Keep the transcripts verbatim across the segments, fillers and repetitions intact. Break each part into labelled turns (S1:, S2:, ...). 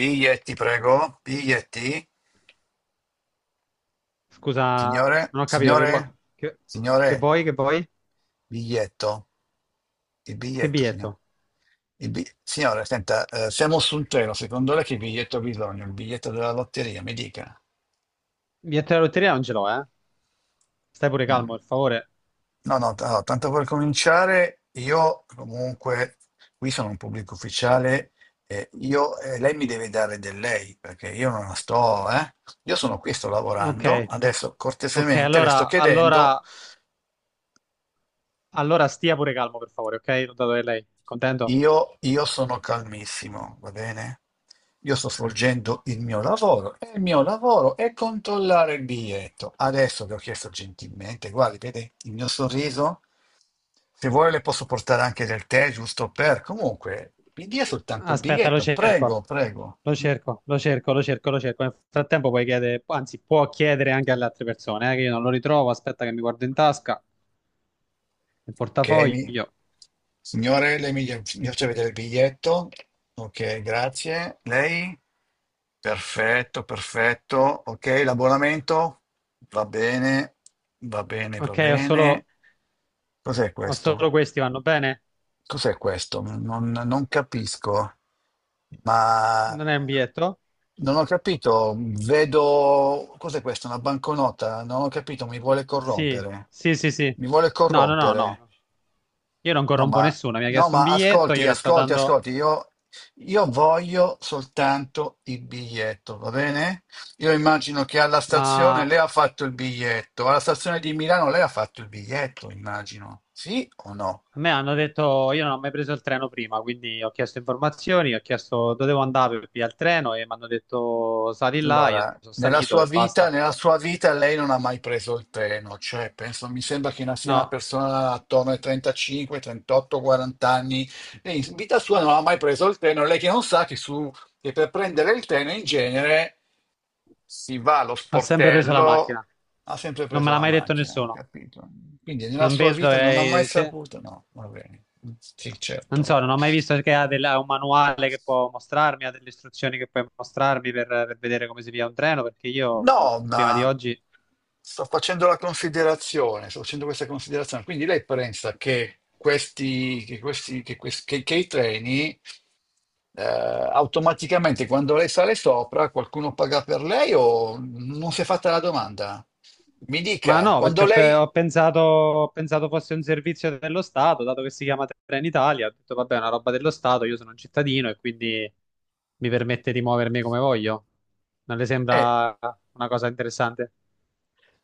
S1: Biglietti, prego. Biglietti.
S2: Scusa,
S1: Signore,
S2: non ho capito che vuoi.
S1: signore,
S2: Che, che
S1: signore,
S2: vuoi? Che vuoi?
S1: biglietto. Il
S2: Che
S1: biglietto, signore.
S2: biglietto?
S1: Il bi- Signore, senta, eh, siamo su un treno. Secondo lei che biglietto ha bisogno? Il biglietto della lotteria, mi dica.
S2: Biglietto della lotteria non ce l'ho, eh? Stai pure
S1: Mm.
S2: calmo, per favore.
S1: No, no, t- allora, tanto per cominciare, io comunque qui sono un pubblico ufficiale, eh, io, eh, lei mi deve dare del lei, perché io non la sto, eh. Io sono qui, sto
S2: Ok,
S1: lavorando, adesso
S2: ok,
S1: cortesemente le sto
S2: allora,
S1: chiedendo.
S2: allora, allora stia pure calmo, per favore, ok? L'ho dato a lei. Contento?
S1: Io, io sono calmissimo, va bene? Io sto svolgendo il mio lavoro e il mio lavoro è controllare il biglietto. Adesso vi ho chiesto gentilmente, guardi, vede il mio sorriso? Se vuole le posso portare anche del tè, giusto per... Comunque, mi dia soltanto il
S2: Aspetta, lo
S1: biglietto,
S2: cerco.
S1: prego, prego.
S2: Lo
S1: Mm.
S2: cerco, lo cerco, lo cerco, lo cerco. Nel frattempo puoi chiedere, anzi, può chiedere anche alle altre persone, eh, che io non lo ritrovo. Aspetta che mi guardo in tasca, nel
S1: Ok, mi-
S2: portafoglio.
S1: signore, lei mi, mi faccia vedere il biglietto. Ok, grazie. Lei? Perfetto, perfetto. Ok, l'abbonamento? Va bene, va bene, va
S2: Ok, ho solo,
S1: bene. Cos'è
S2: ho solo
S1: questo?
S2: questi, vanno bene?
S1: Cos'è questo? Non, non capisco, ma
S2: Non è un biglietto?
S1: non ho capito. Vedo, cos'è questo? Una banconota? Non ho capito, mi vuole
S2: Sì,
S1: corrompere.
S2: sì, sì, sì.
S1: Mi vuole
S2: No, no, no,
S1: corrompere.
S2: no. Io non
S1: No,
S2: corrompo
S1: ma,
S2: nessuno. Mi ha
S1: no,
S2: chiesto un
S1: ma
S2: biglietto,
S1: ascolti,
S2: io le sto
S1: ascolti,
S2: dando.
S1: ascolti, io, io voglio soltanto il biglietto, va bene? Io immagino che alla
S2: Ma
S1: stazione
S2: a
S1: lei ha fatto il biglietto, alla stazione di Milano lei ha fatto il biglietto, immagino, sì o no?
S2: me hanno detto, io non ho mai preso il treno prima, quindi ho chiesto informazioni, ho chiesto dove devo andare per via il treno e mi hanno detto sali là, io
S1: Allora,
S2: sono
S1: nella
S2: salito
S1: sua
S2: e
S1: vita,
S2: basta.
S1: nella sua vita lei non ha mai preso il treno, cioè penso, mi sembra che sia una
S2: No,
S1: persona attorno ai trentacinque, trentotto, quaranta anni, e in vita sua non ha mai preso il treno, lei che non sa che, su, che per prendere il treno in genere si va allo
S2: ho sempre preso la
S1: sportello,
S2: macchina.
S1: ha sempre
S2: Non me
S1: preso
S2: l'ha
S1: la
S2: mai detto
S1: macchina, ho
S2: nessuno.
S1: capito. Quindi nella
S2: Non
S1: sua
S2: vedo
S1: vita non ha mai
S2: eh, se-
S1: saputo, no, va bene, sì,
S2: Non
S1: certo.
S2: so, non ho mai visto che ha, del- ha un manuale che può mostrarmi, ha delle istruzioni che puoi mostrarmi per, per vedere come si via un treno, perché io
S1: No,
S2: prima di
S1: ma
S2: oggi.
S1: sto facendo la considerazione, sto facendo questa considerazione. Quindi lei pensa che questi, che questi, che questi- che- che i treni eh, automaticamente quando lei sale sopra qualcuno paga per lei o non si è fatta la domanda? Mi
S2: Ma
S1: dica,
S2: no,
S1: quando
S2: perché ho, pe-
S1: lei...
S2: ho pensato, ho pensato fosse un servizio dello Stato, dato che si chiama Trenitalia, ho detto vabbè, è una roba dello Stato, io sono un cittadino e quindi mi permette di muovermi come voglio. Non le
S1: eh,
S2: sembra una cosa interessante?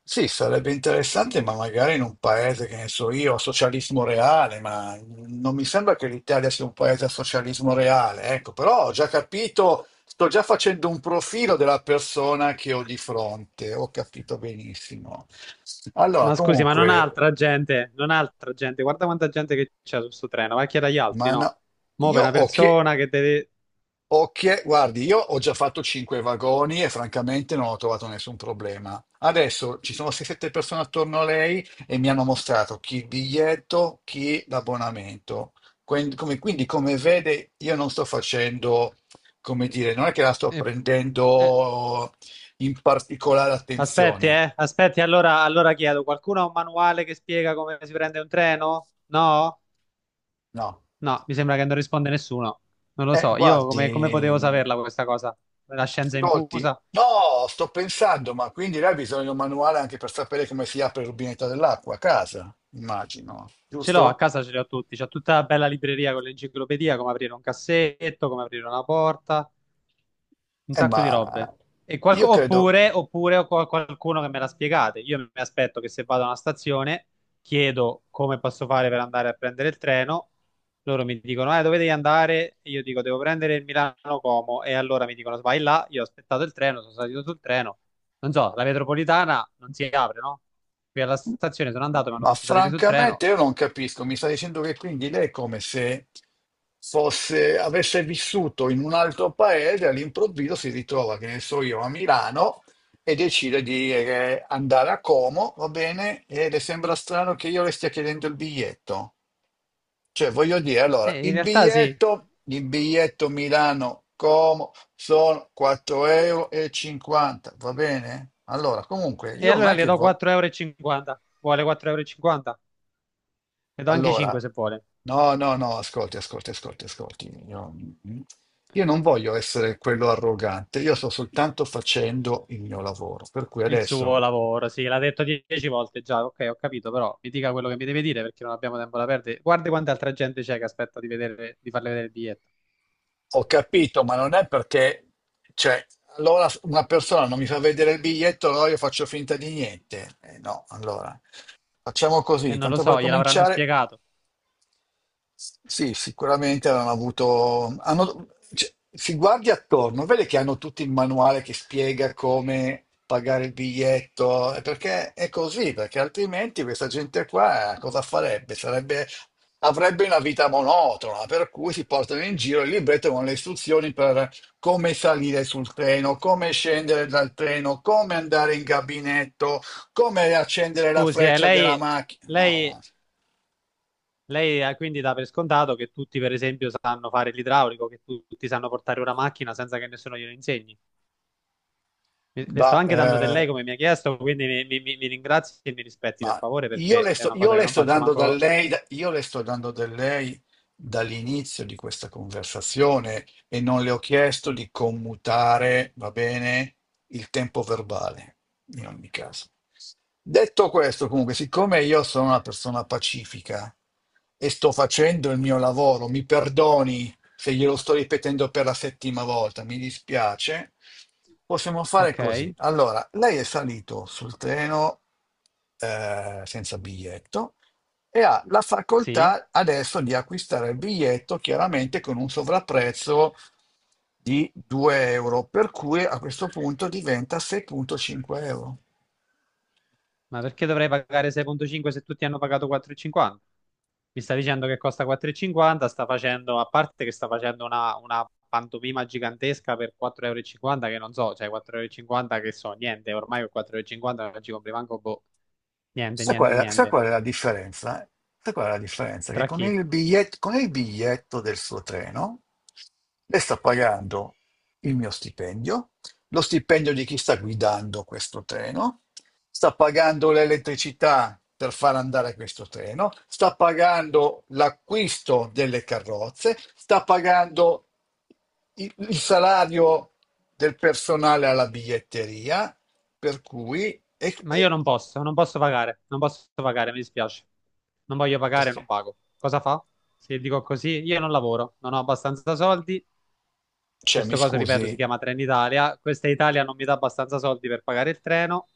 S1: Sì, sarebbe interessante, ma magari in un paese, che ne so io, a socialismo reale, ma non mi sembra che l'Italia sia un paese a socialismo reale, ecco, però ho già capito, sto già facendo un profilo della persona che ho di fronte, ho capito benissimo. Allora,
S2: Ma scusi, ma non ha
S1: comunque,
S2: altra gente, non ha altra gente, guarda quanta gente che c'è su sto treno, vai a chiedere agli altri,
S1: ma no,
S2: no? Mo'
S1: io
S2: per una
S1: ho chiesto.
S2: persona che deve.
S1: Ok, guardi, io ho già fatto cinque vagoni e francamente non ho trovato nessun problema. Adesso ci sono sei sette persone attorno a lei e mi hanno mostrato chi il biglietto, chi l'abbonamento. Quindi come, quindi, come vede, io non sto facendo, come dire, non è che la sto
S2: Eh, eh,
S1: prendendo in particolare
S2: Aspetti,
S1: attenzione,
S2: eh, aspetti, allora, allora chiedo, qualcuno ha un manuale che spiega come si prende un treno? No?
S1: no.
S2: No, mi sembra che non risponde nessuno. Non lo
S1: Eh,
S2: so, io come, come
S1: guardi,
S2: potevo
S1: mh,
S2: saperla questa cosa? La scienza
S1: ascolti,
S2: infusa?
S1: no, sto pensando, ma quindi lei ha bisogno di un manuale anche per sapere come si apre il rubinetto dell'acqua a casa, immagino,
S2: Ce l'ho, a
S1: giusto?
S2: casa ce li ho tutti, c'ho tutta la bella libreria con l'enciclopedia, come aprire un cassetto, come aprire una porta, un
S1: Eh,
S2: sacco di robe.
S1: ma
S2: E
S1: io
S2: qualco-
S1: credo.
S2: oppure, oppure ho qual- qualcuno che me la spiegate. Io mi aspetto che se vado a una stazione, chiedo come posso fare per andare a prendere il treno. Loro mi dicono, eh, dove devi andare? E io dico, devo prendere il Milano-Como. E allora mi dicono, vai là. Io ho aspettato il treno, sono salito sul treno. Non so, la metropolitana non si apre, no? Qui alla stazione sono andato, mi hanno
S1: Ma
S2: fatto salire sul treno.
S1: francamente io non capisco, mi sta dicendo che quindi lei è come se fosse, avesse vissuto in un altro paese, all'improvviso si ritrova, che ne so io, a Milano e decide di eh, andare a Como, va bene? E le sembra strano che io le stia chiedendo il biglietto. Cioè, voglio dire, allora,
S2: E in
S1: il
S2: realtà sì.
S1: biglietto, il biglietto Milano-Como sono quattro euro e cinquanta, e cinquanta, va bene? Allora, comunque,
S2: E
S1: io non
S2: allora
S1: è
S2: le
S1: che...
S2: do
S1: vo-
S2: quattro euro e cinquanta. Vuole quattro euro e cinquanta? Le do anche
S1: Allora,
S2: cinque se vuole.
S1: no, no, no, ascolti, ascolti, ascolti, ascolti. Io, mm, io non voglio essere quello arrogante, io sto soltanto facendo il mio lavoro. Per cui
S2: Il suo
S1: adesso
S2: lavoro, sì, l'ha detto dieci volte già, ok, ho capito, però mi dica quello che mi deve dire perché non abbiamo tempo da perdere. Guarda quanta altra gente c'è che aspetta di vedere, di farle vedere il biglietto.
S1: ho capito, ma non è perché, cioè, allora una persona non mi fa vedere il biglietto, allora io faccio finta di niente. Eh, no, allora, facciamo
S2: E
S1: così,
S2: non lo
S1: tanto per
S2: so, gliel'avranno
S1: cominciare.
S2: spiegato.
S1: Sì, sicuramente hanno avuto. hanno- cioè, si guardi attorno, vede che hanno tutto il manuale che spiega come pagare il biglietto, eh, perché è così, perché altrimenti questa gente qua eh, cosa farebbe? Sarebbe, avrebbe una vita monotona, per cui si portano in giro il libretto con le istruzioni per come salire sul treno, come scendere dal treno, come andare in gabinetto, come accendere la
S2: Scusi, eh,
S1: freccia della
S2: lei,
S1: macchina. No,
S2: lei,
S1: no.
S2: lei eh, quindi dà per scontato che tutti, per esempio, sanno fare l'idraulico, che tu- tutti sanno portare una macchina senza che nessuno glielo insegni. Mi- Le sto
S1: Bah,
S2: anche dando del
S1: eh,
S2: lei come mi ha chiesto, quindi mi, mi, mi mi ringrazi e mi rispetti, per
S1: Ma
S2: favore,
S1: io
S2: perché
S1: le
S2: è
S1: sto,
S2: una
S1: io
S2: cosa che
S1: le
S2: non
S1: sto
S2: faccio
S1: dando da
S2: manco.
S1: lei, da- io le sto dando da lei dall'inizio di questa conversazione e non le ho chiesto di commutare, va bene, il tempo verbale, in ogni caso. Detto questo, comunque, siccome io sono una persona pacifica e sto facendo il mio lavoro, mi perdoni se glielo sto ripetendo per la settima volta, mi dispiace, possiamo fare
S2: Ok,
S1: così. Allora, lei è salito sul treno eh, senza biglietto, e ha la
S2: sì.
S1: facoltà adesso di acquistare il biglietto chiaramente con un sovrapprezzo di due euro, per cui a questo punto diventa sei virgola cinque euro.
S2: Ma perché dovrei pagare sei virgola cinque se tutti hanno pagato quattro e cinquanta? Mi sta dicendo che costa quattro e cinquanta, sta facendo, a parte che sta facendo una, una pantomima gigantesca per quattro euro e cinquanta, che non so, cioè quattro euro e cinquanta che so, niente, ormai con quattro euro e cinquanta non ci compri manco, boh, niente,
S1: Sai qual
S2: niente,
S1: è la, sai
S2: niente.
S1: qual è la differenza? Sai qual è la differenza? Che
S2: Tra
S1: con
S2: chi?
S1: il biglietto, con il biglietto del suo treno lei sta pagando il mio stipendio, lo stipendio di chi sta guidando questo treno, sta pagando l'elettricità per far andare questo treno, sta pagando l'acquisto delle carrozze, sta pagando il il salario del personale alla biglietteria, per cui... e-
S2: Ma io
S1: e-
S2: non posso, non posso pagare, non posso pagare, mi dispiace. Non voglio pagare, non
S1: perché?
S2: pago. Cosa fa? Se dico così, io non lavoro, non ho abbastanza soldi.
S1: Cioè, mi
S2: Questo coso, ripeto, si
S1: scusi,
S2: chiama Trenitalia. Questa Italia non mi dà abbastanza soldi per pagare il treno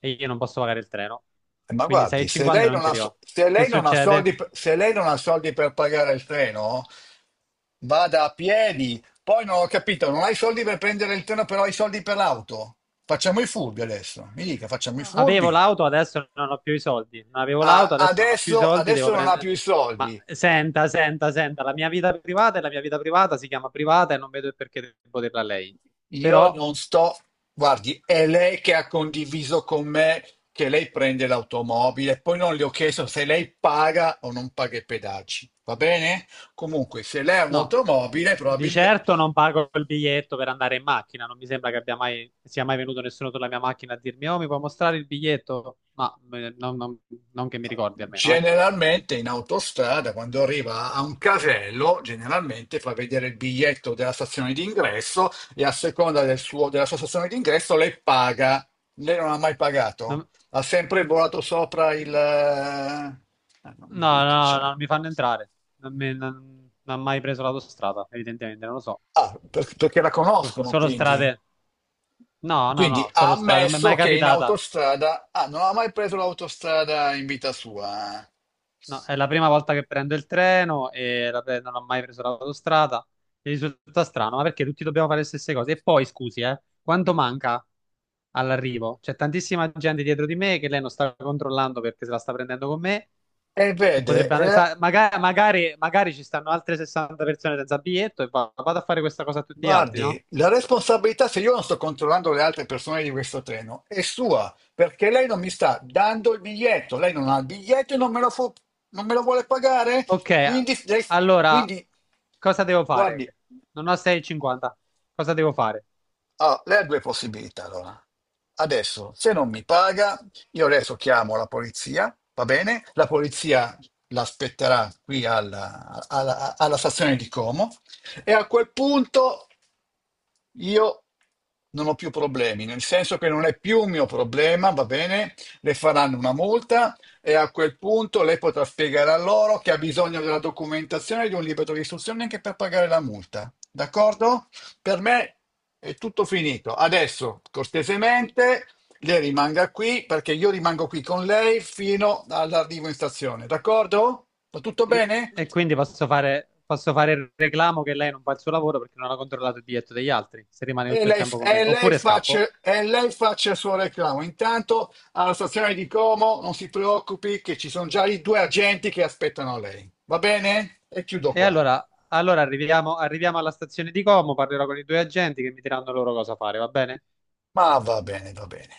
S2: e io non posso pagare il treno.
S1: ma
S2: Quindi
S1: guardi, se
S2: sei e cinquanta
S1: lei
S2: non
S1: non
S2: ce
S1: ha,
S2: li ho.
S1: so- se
S2: Che
S1: lei non ha
S2: succede?
S1: soldi, per- se lei non ha soldi per pagare il treno, vada a piedi. Poi non ho capito, non hai soldi per prendere il treno, però hai soldi per l'auto. Facciamo i furbi adesso. Mi dica, facciamo i
S2: Avevo
S1: furbi.
S2: l'auto, adesso non ho più i soldi. Non avevo l'auto,
S1: Ah,
S2: adesso non ho più i
S1: adesso,
S2: soldi, devo
S1: adesso non ha
S2: prendere.
S1: più i
S2: Ma
S1: soldi.
S2: senta, senta, senta, la mia vita privata è la mia vita privata, si chiama privata e non vedo il perché devo dirla a lei.
S1: Io
S2: Però.
S1: non sto, guardi, è lei che ha condiviso con me che lei prende l'automobile, poi non le ho chiesto se lei paga o non paga i pedaggi, va bene? Comunque, se lei ha
S2: No,
S1: un'automobile,
S2: di
S1: probabilmente...
S2: certo non pago il biglietto per andare in macchina, non mi sembra che abbia mai, sia mai venuto nessuno sulla mia macchina a dirmi, oh, mi puoi mostrare il biglietto? Ma eh, non, non- non che mi ricordi almeno, eh.
S1: Generalmente in autostrada, quando arriva a un casello, generalmente fa vedere il biglietto della stazione d'ingresso e a seconda del suo- della sua stazione d'ingresso lei paga. Lei non ha mai pagato,
S2: Non-
S1: ha sempre volato sopra il... eh, Ah, non mi
S2: No,
S1: dica,
S2: no, no,
S1: cioè.
S2: non mi fanno entrare, non, mi- non- non ho mai preso l'autostrada, evidentemente, non lo so.
S1: Ah, per- perché la conoscono,
S2: Solo
S1: quindi.
S2: strade, no, no,
S1: Quindi
S2: no,
S1: ha
S2: solo strade, non mi è
S1: ammesso
S2: mai
S1: che in
S2: capitata.
S1: autostrada... Ah, non ha mai preso l'autostrada in vita sua.
S2: No, è la prima volta che prendo il treno e la pre- non ho mai preso l'autostrada. Mi risulta strano, ma perché tutti dobbiamo fare le stesse cose? E poi, scusi, eh, quanto manca all'arrivo? C'è tantissima gente dietro di me che lei non sta controllando perché se la sta prendendo con me
S1: E
S2: e
S1: vede,
S2: potrebbe andare.
S1: eh,
S2: Sa- maga- magari, magari ci stanno altre sessanta persone senza biglietto e va- vado a fare questa cosa a tutti gli altri, no?
S1: Guardi, la responsabilità, se io non sto controllando le altre persone di questo treno, è sua, perché lei non mi sta dando il biglietto, lei non ha il biglietto e non me lo, fu- non me lo vuole pagare,
S2: Ok,
S1: quindi, lei-
S2: allora,
S1: quindi
S2: cosa devo
S1: guardi,
S2: fare? Non ho sei e cinquanta. Cosa devo fare?
S1: ah, lei ha due possibilità allora. Adesso, se non mi paga, io adesso chiamo la polizia, va bene? La polizia l'aspetterà qui alla alla- alla stazione di Como e a quel punto Io non ho più problemi, nel senso che non è più un mio problema, va bene? Le faranno una multa e a quel punto lei potrà spiegare a loro che ha bisogno della documentazione di un libro di istruzione anche per pagare la multa, d'accordo? Per me è tutto finito. Adesso, cortesemente, lei rimanga qui perché io rimango qui con lei fino all'arrivo in stazione, d'accordo? Va tutto
S2: E,
S1: bene?
S2: e quindi posso fare, posso fare il reclamo che lei non fa il suo lavoro perché non ha controllato il biglietto degli altri, se rimane
S1: E
S2: tutto il
S1: lei, f-
S2: tempo con me.
S1: e lei
S2: Oppure scappo.
S1: faccia, e lei faccia il suo reclamo. Intanto alla stazione di Como non si preoccupi che ci sono già i due agenti che aspettano lei. Va bene? E chiudo
S2: E
S1: qua.
S2: allora, allora arriviamo, arriviamo alla stazione di Como, parlerò con i due agenti che mi diranno loro cosa fare, va bene?
S1: Ma va bene, va bene.